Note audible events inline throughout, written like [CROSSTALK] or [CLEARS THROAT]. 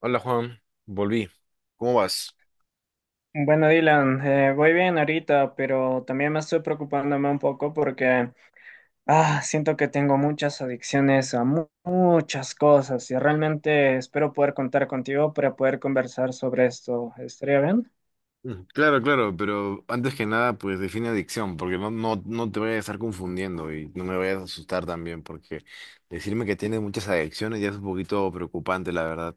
Hola Juan, volví. ¿Cómo vas? Bueno, Dylan, voy bien ahorita, pero también me estoy preocupándome un poco porque siento que tengo muchas adicciones a muchas cosas y realmente espero poder contar contigo para poder conversar sobre esto. ¿Estaría bien? Claro, claro, pero antes que nada, pues define adicción, porque no te vayas a estar confundiendo y no me vayas a asustar también, porque decirme que tienes muchas adicciones ya es un poquito preocupante, la verdad.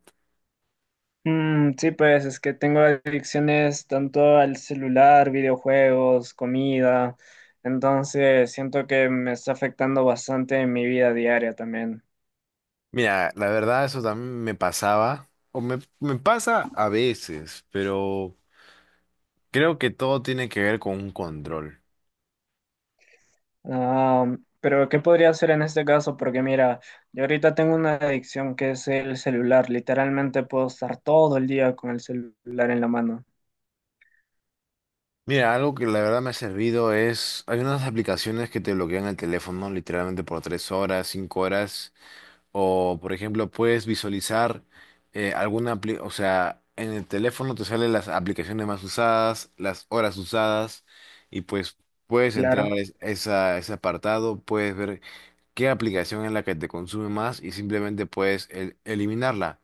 Mm, sí, pues es que tengo adicciones tanto al celular, videojuegos, comida, entonces siento que me está afectando bastante en mi vida diaria también. Mira, la verdad eso también me pasaba, o me pasa a veces, pero creo que todo tiene que ver con un control. Ah, pero ¿qué podría hacer en este caso? Porque mira, yo ahorita tengo una adicción que es el celular. Literalmente puedo estar todo el día con el celular en la mano. Mira, algo que la verdad me ha servido es, hay unas aplicaciones que te bloquean el teléfono literalmente por tres horas, cinco horas. O, por ejemplo, puedes visualizar o sea, en el teléfono te salen las aplicaciones más usadas, las horas usadas, y pues puedes entrar Claro. a ese apartado, puedes ver qué aplicación es la que te consume más y simplemente puedes eliminarla.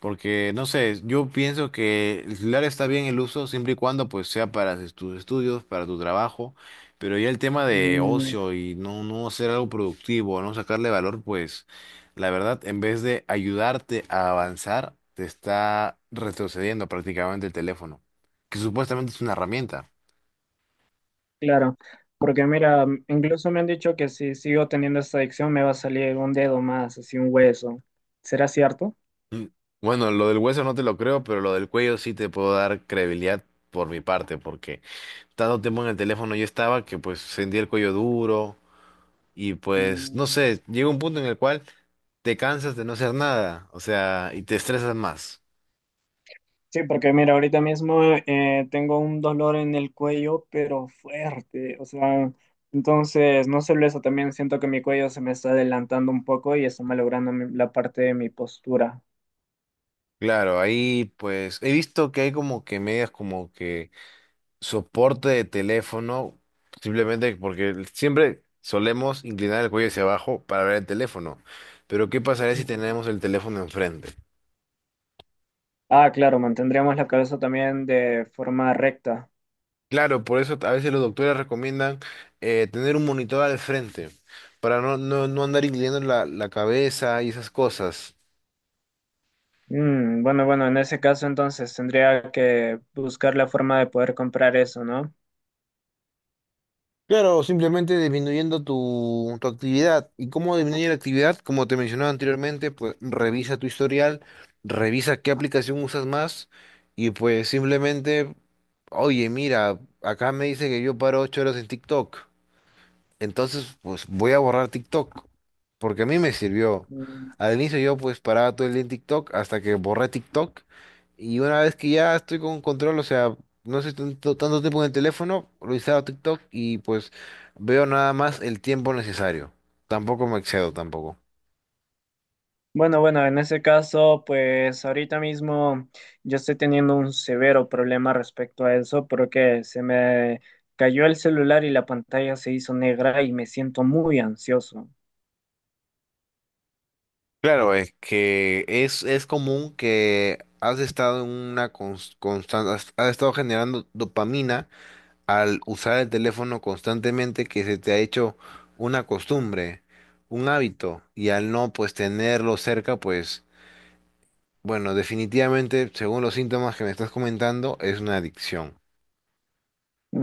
Porque, no sé, yo pienso que el celular está bien el uso siempre y cuando pues sea para tus estudios, para tu trabajo, pero ya el tema de Mm, ocio y no hacer algo productivo, no sacarle valor, pues la verdad, en vez de ayudarte a avanzar, te está retrocediendo prácticamente el teléfono, que supuestamente es una herramienta. claro. Porque mira, incluso me han dicho que si sigo teniendo esta adicción me va a salir un dedo más, así un hueso. ¿Será cierto? Bueno, lo del hueso no te lo creo, pero lo del cuello sí te puedo dar credibilidad por mi parte, porque tanto tiempo en el teléfono yo estaba que pues sentía el cuello duro. Y pues, no Mm. sé, llega un punto en el cual te cansas de no hacer nada, o sea, y te estresas más. Sí, porque mira, ahorita mismo tengo un dolor en el cuello, pero fuerte, o sea, entonces, no solo eso, también siento que mi cuello se me está adelantando un poco y está malogrando la parte de mi postura. Claro, ahí pues he visto que hay como que medias como que soporte de teléfono, simplemente porque siempre solemos inclinar el cuello hacia abajo para ver el teléfono. Pero ¿qué pasaría si Mm. tenemos el teléfono enfrente? Ah, claro, mantendríamos la cabeza también de forma recta. Claro, por eso a veces los doctores recomiendan tener un monitor al frente para no andar inclinando la cabeza y esas cosas. Mm, bueno, bueno, en ese caso entonces tendría que buscar la forma de poder comprar eso, ¿no? Claro, simplemente disminuyendo tu actividad. ¿Y cómo disminuye la actividad? Como te mencionaba anteriormente, pues revisa tu historial, revisa qué aplicación usas más y pues simplemente, oye, mira, acá me dice que yo paro ocho horas en TikTok. Entonces, pues voy a borrar TikTok, porque a mí me sirvió. Al inicio yo pues paraba todo el día en TikTok hasta que borré TikTok y una vez que ya estoy con control, o sea, no estoy tanto tiempo en el teléfono, lo instalo TikTok y pues veo nada más el tiempo necesario. Tampoco me excedo tampoco. Bueno, bueno, en ese caso, pues ahorita mismo yo estoy teniendo un severo problema respecto a eso porque se me cayó el celular y la pantalla se hizo negra y me siento muy ansioso. Claro, es que es común que has estado en una constante, has estado generando dopamina al usar el teléfono constantemente que se te ha hecho una costumbre, un hábito, y al no pues tenerlo cerca, pues bueno, definitivamente, según los síntomas que me estás comentando, es una adicción.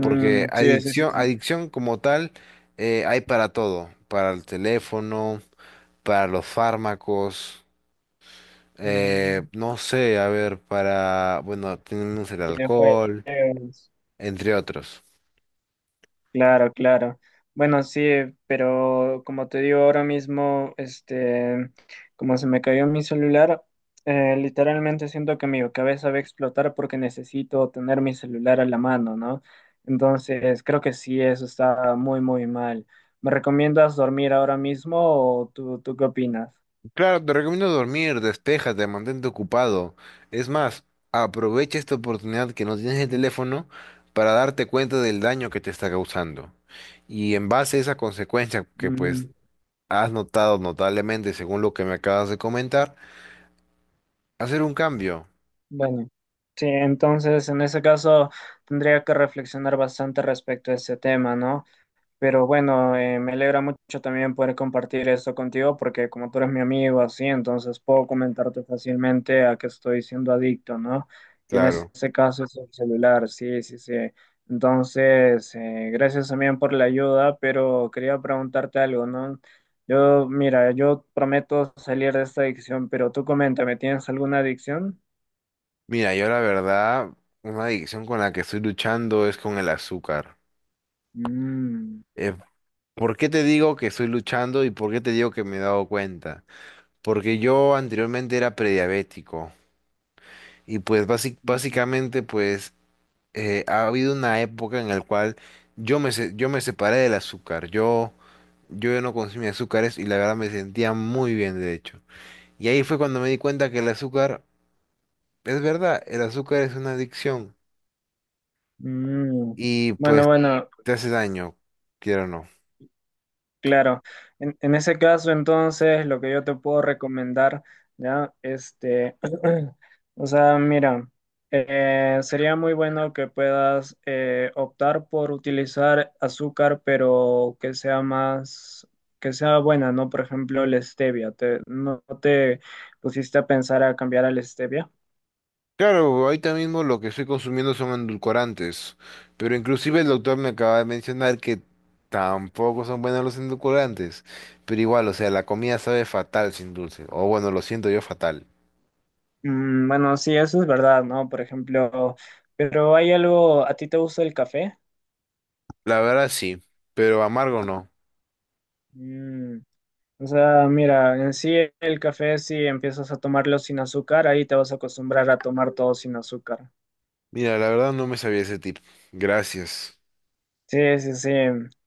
Porque sí, sí, sí. adicción, adicción como tal, hay para todo, para el teléfono, para los fármacos, Mm. no sé, a ver, para, bueno, tenemos el alcohol, Videojuegos. entre otros. Claro, claro. Bueno, sí, pero como te digo ahora mismo, este, como se me cayó mi celular, literalmente siento que mi cabeza va a explotar porque necesito tener mi celular a la mano, ¿no? Entonces, creo que sí, eso está muy, muy mal. ¿Me recomiendas dormir ahora mismo o tú qué opinas? Claro, te recomiendo dormir, despéjate, mantente ocupado. Es más, aprovecha esta oportunidad que no tienes el teléfono para darte cuenta del daño que te está causando. Y en base a esa consecuencia que pues Mm, has notado notablemente según lo que me acabas de comentar, hacer un cambio. bueno, sí, entonces en ese caso tendría que reflexionar bastante respecto a ese tema, ¿no? Pero bueno, me alegra mucho también poder compartir esto contigo porque como tú eres mi amigo así, entonces puedo comentarte fácilmente a qué estoy siendo adicto, ¿no? Y en Claro. este caso es el celular, sí, sí, sí. Entonces, gracias también por la ayuda, pero quería preguntarte algo, ¿no? Yo, mira, yo prometo salir de esta adicción, pero tú coméntame, ¿tienes alguna adicción? Mira, yo la verdad, una adicción con la que estoy luchando es con el azúcar. Mm. Eh, ¿Por qué te digo que estoy luchando y por qué te digo que me he dado cuenta? Porque yo anteriormente era prediabético. Y pues Mm. básicamente pues ha habido una época en la cual yo me, yo me separé del azúcar. Yo ya no consumía azúcares y la verdad me sentía muy bien de hecho. Y ahí fue cuando me di cuenta que el azúcar, es verdad, el azúcar es una adicción Mm. y Bueno, pues bueno. te hace daño, quiero o no. Claro, en ese caso entonces lo que yo te puedo recomendar, ¿ya? Este, [CLEARS THROAT] o sea, mira, sería muy bueno que puedas optar por utilizar azúcar, pero que sea más, que sea buena, ¿no? Por ejemplo, la stevia, ¿te, no te pusiste a pensar a cambiar a la stevia? Claro, ahorita mismo lo que estoy consumiendo son endulcorantes, pero inclusive el doctor me acaba de mencionar que tampoco son buenos los endulcorantes, pero igual, o sea, la comida sabe fatal sin dulce, o bueno, lo siento yo fatal. Mm, bueno, sí, eso es verdad, ¿no? Por ejemplo, pero hay algo, ¿a ti te gusta el café? La verdad sí, pero amargo no. Mm. O sea, mira, en sí el café, si empiezas a tomarlo sin azúcar, ahí te vas a acostumbrar a tomar todo sin azúcar. Mira, la verdad no me sabía ese tip. Gracias. Sí, sí, sí,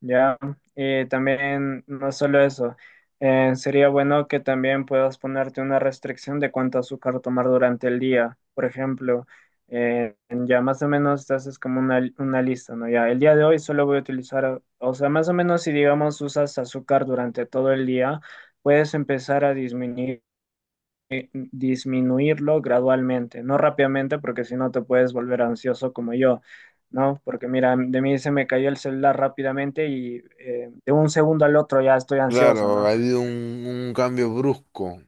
ya. Y también, no solo eso, sería bueno que también puedas ponerte una restricción de cuánto azúcar tomar durante el día. Por ejemplo, ya más o menos te haces como una lista, ¿no? Ya, el día de hoy solo voy a utilizar, o sea, más o menos si digamos usas azúcar durante todo el día, puedes empezar a disminuir disminuirlo gradualmente, no rápidamente, porque si no te puedes volver ansioso como yo, ¿no? Porque mira, de mí se me cayó el celular rápidamente y de un segundo al otro ya estoy ansioso, Claro, ¿no? ha habido un cambio brusco.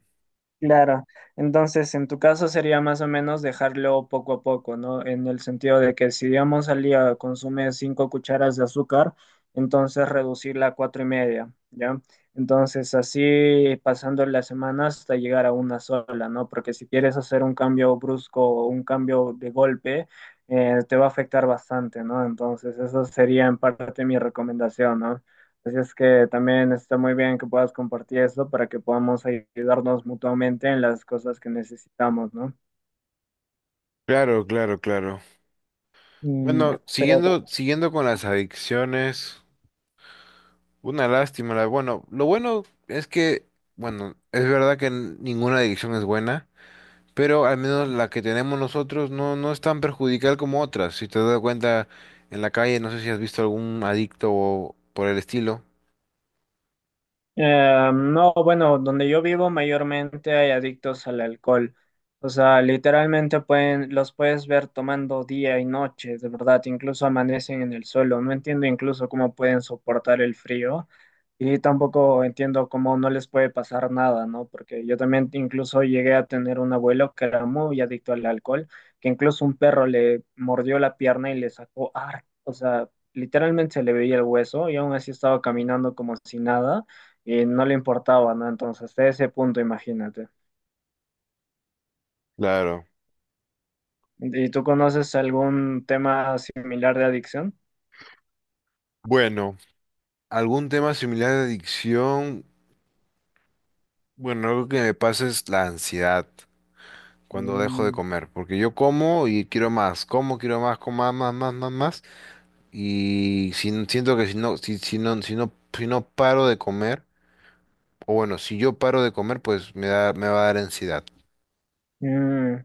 Claro, entonces en tu caso sería más o menos dejarlo poco a poco, ¿no? En el sentido de que si digamos al día consume 5 cucharas de azúcar, entonces reducirla a cuatro y media, ¿ya? Entonces así pasando la semana hasta llegar a una sola, ¿no? Porque si quieres hacer un cambio brusco o un cambio de golpe, te va a afectar bastante, ¿no? Entonces esa sería en parte mi recomendación, ¿no? Así es que también está muy bien que puedas compartir eso para que podamos ayudarnos mutuamente en las cosas que necesitamos, ¿no? Claro, claro, claro. Mm. Bueno, Pero siguiendo con las adicciones. Una lástima, la- bueno, lo bueno es que, bueno, es verdad que ninguna adicción es buena, pero al menos la que tenemos nosotros no es tan perjudicial como otras. Si te das cuenta en la calle, no sé si has visto algún adicto o por el estilo. No, bueno, donde yo vivo mayormente hay adictos al alcohol. O sea, literalmente pueden, los puedes ver tomando día y noche, de verdad, incluso amanecen en el suelo. No entiendo incluso cómo pueden soportar el frío y tampoco entiendo cómo no les puede pasar nada, ¿no? Porque yo también incluso llegué a tener un abuelo que era muy adicto al alcohol, que incluso un perro le mordió la pierna y le sacó, o sea, literalmente se le veía el hueso y aún así estaba caminando como si nada y no le importaba, ¿no? Entonces, hasta ese punto, imagínate. Claro. ¿Y tú conoces algún tema similar de adicción? Bueno, algún tema similar de adicción, bueno, algo que me pasa es la ansiedad cuando dejo de Mm. comer, porque yo como y quiero más, como más, más, más, más. Más, Y siento que si no, si no paro de comer, o bueno, si yo paro de comer, pues me da, me va a dar ansiedad. Mm.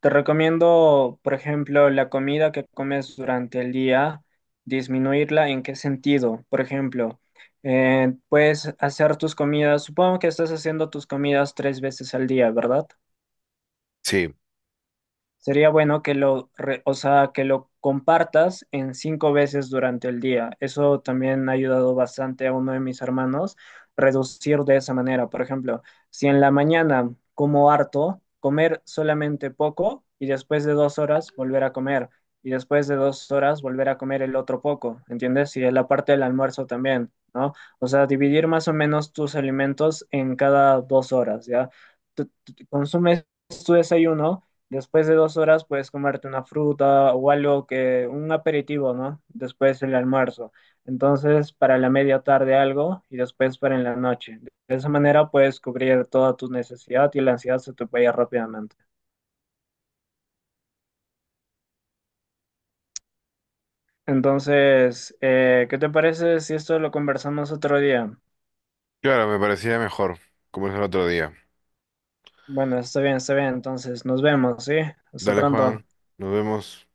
Te recomiendo, por ejemplo, la comida que comes durante el día, disminuirla. ¿En qué sentido? Por ejemplo, puedes hacer tus comidas, supongo que estás haciendo tus comidas 3 veces al día, ¿verdad? Sí, Sería bueno que lo, o sea, que lo compartas en 5 veces durante el día. Eso también ha ayudado bastante a uno de mis hermanos reducir de esa manera. Por ejemplo, si en la mañana como harto, comer solamente poco y después de 2 horas volver a comer y después de dos horas volver a comer el otro poco, ¿entiendes? Y en la parte del almuerzo también, ¿no? O sea, dividir más o menos tus alimentos en cada 2 horas, ¿ya? Consumes tu desayuno. Después de dos horas puedes comerte una fruta o algo que, un aperitivo, ¿no? Después el almuerzo. Entonces, para la media tarde algo y después para en la noche. De esa manera puedes cubrir toda tu necesidad y la ansiedad se te vaya rápidamente. Entonces, ¿qué te parece si esto lo conversamos otro día? claro, me parecía mejor, como es el otro día. Bueno, está bien, está bien. Entonces, nos vemos, ¿sí? Hasta Dale, pronto. Juan, nos vemos.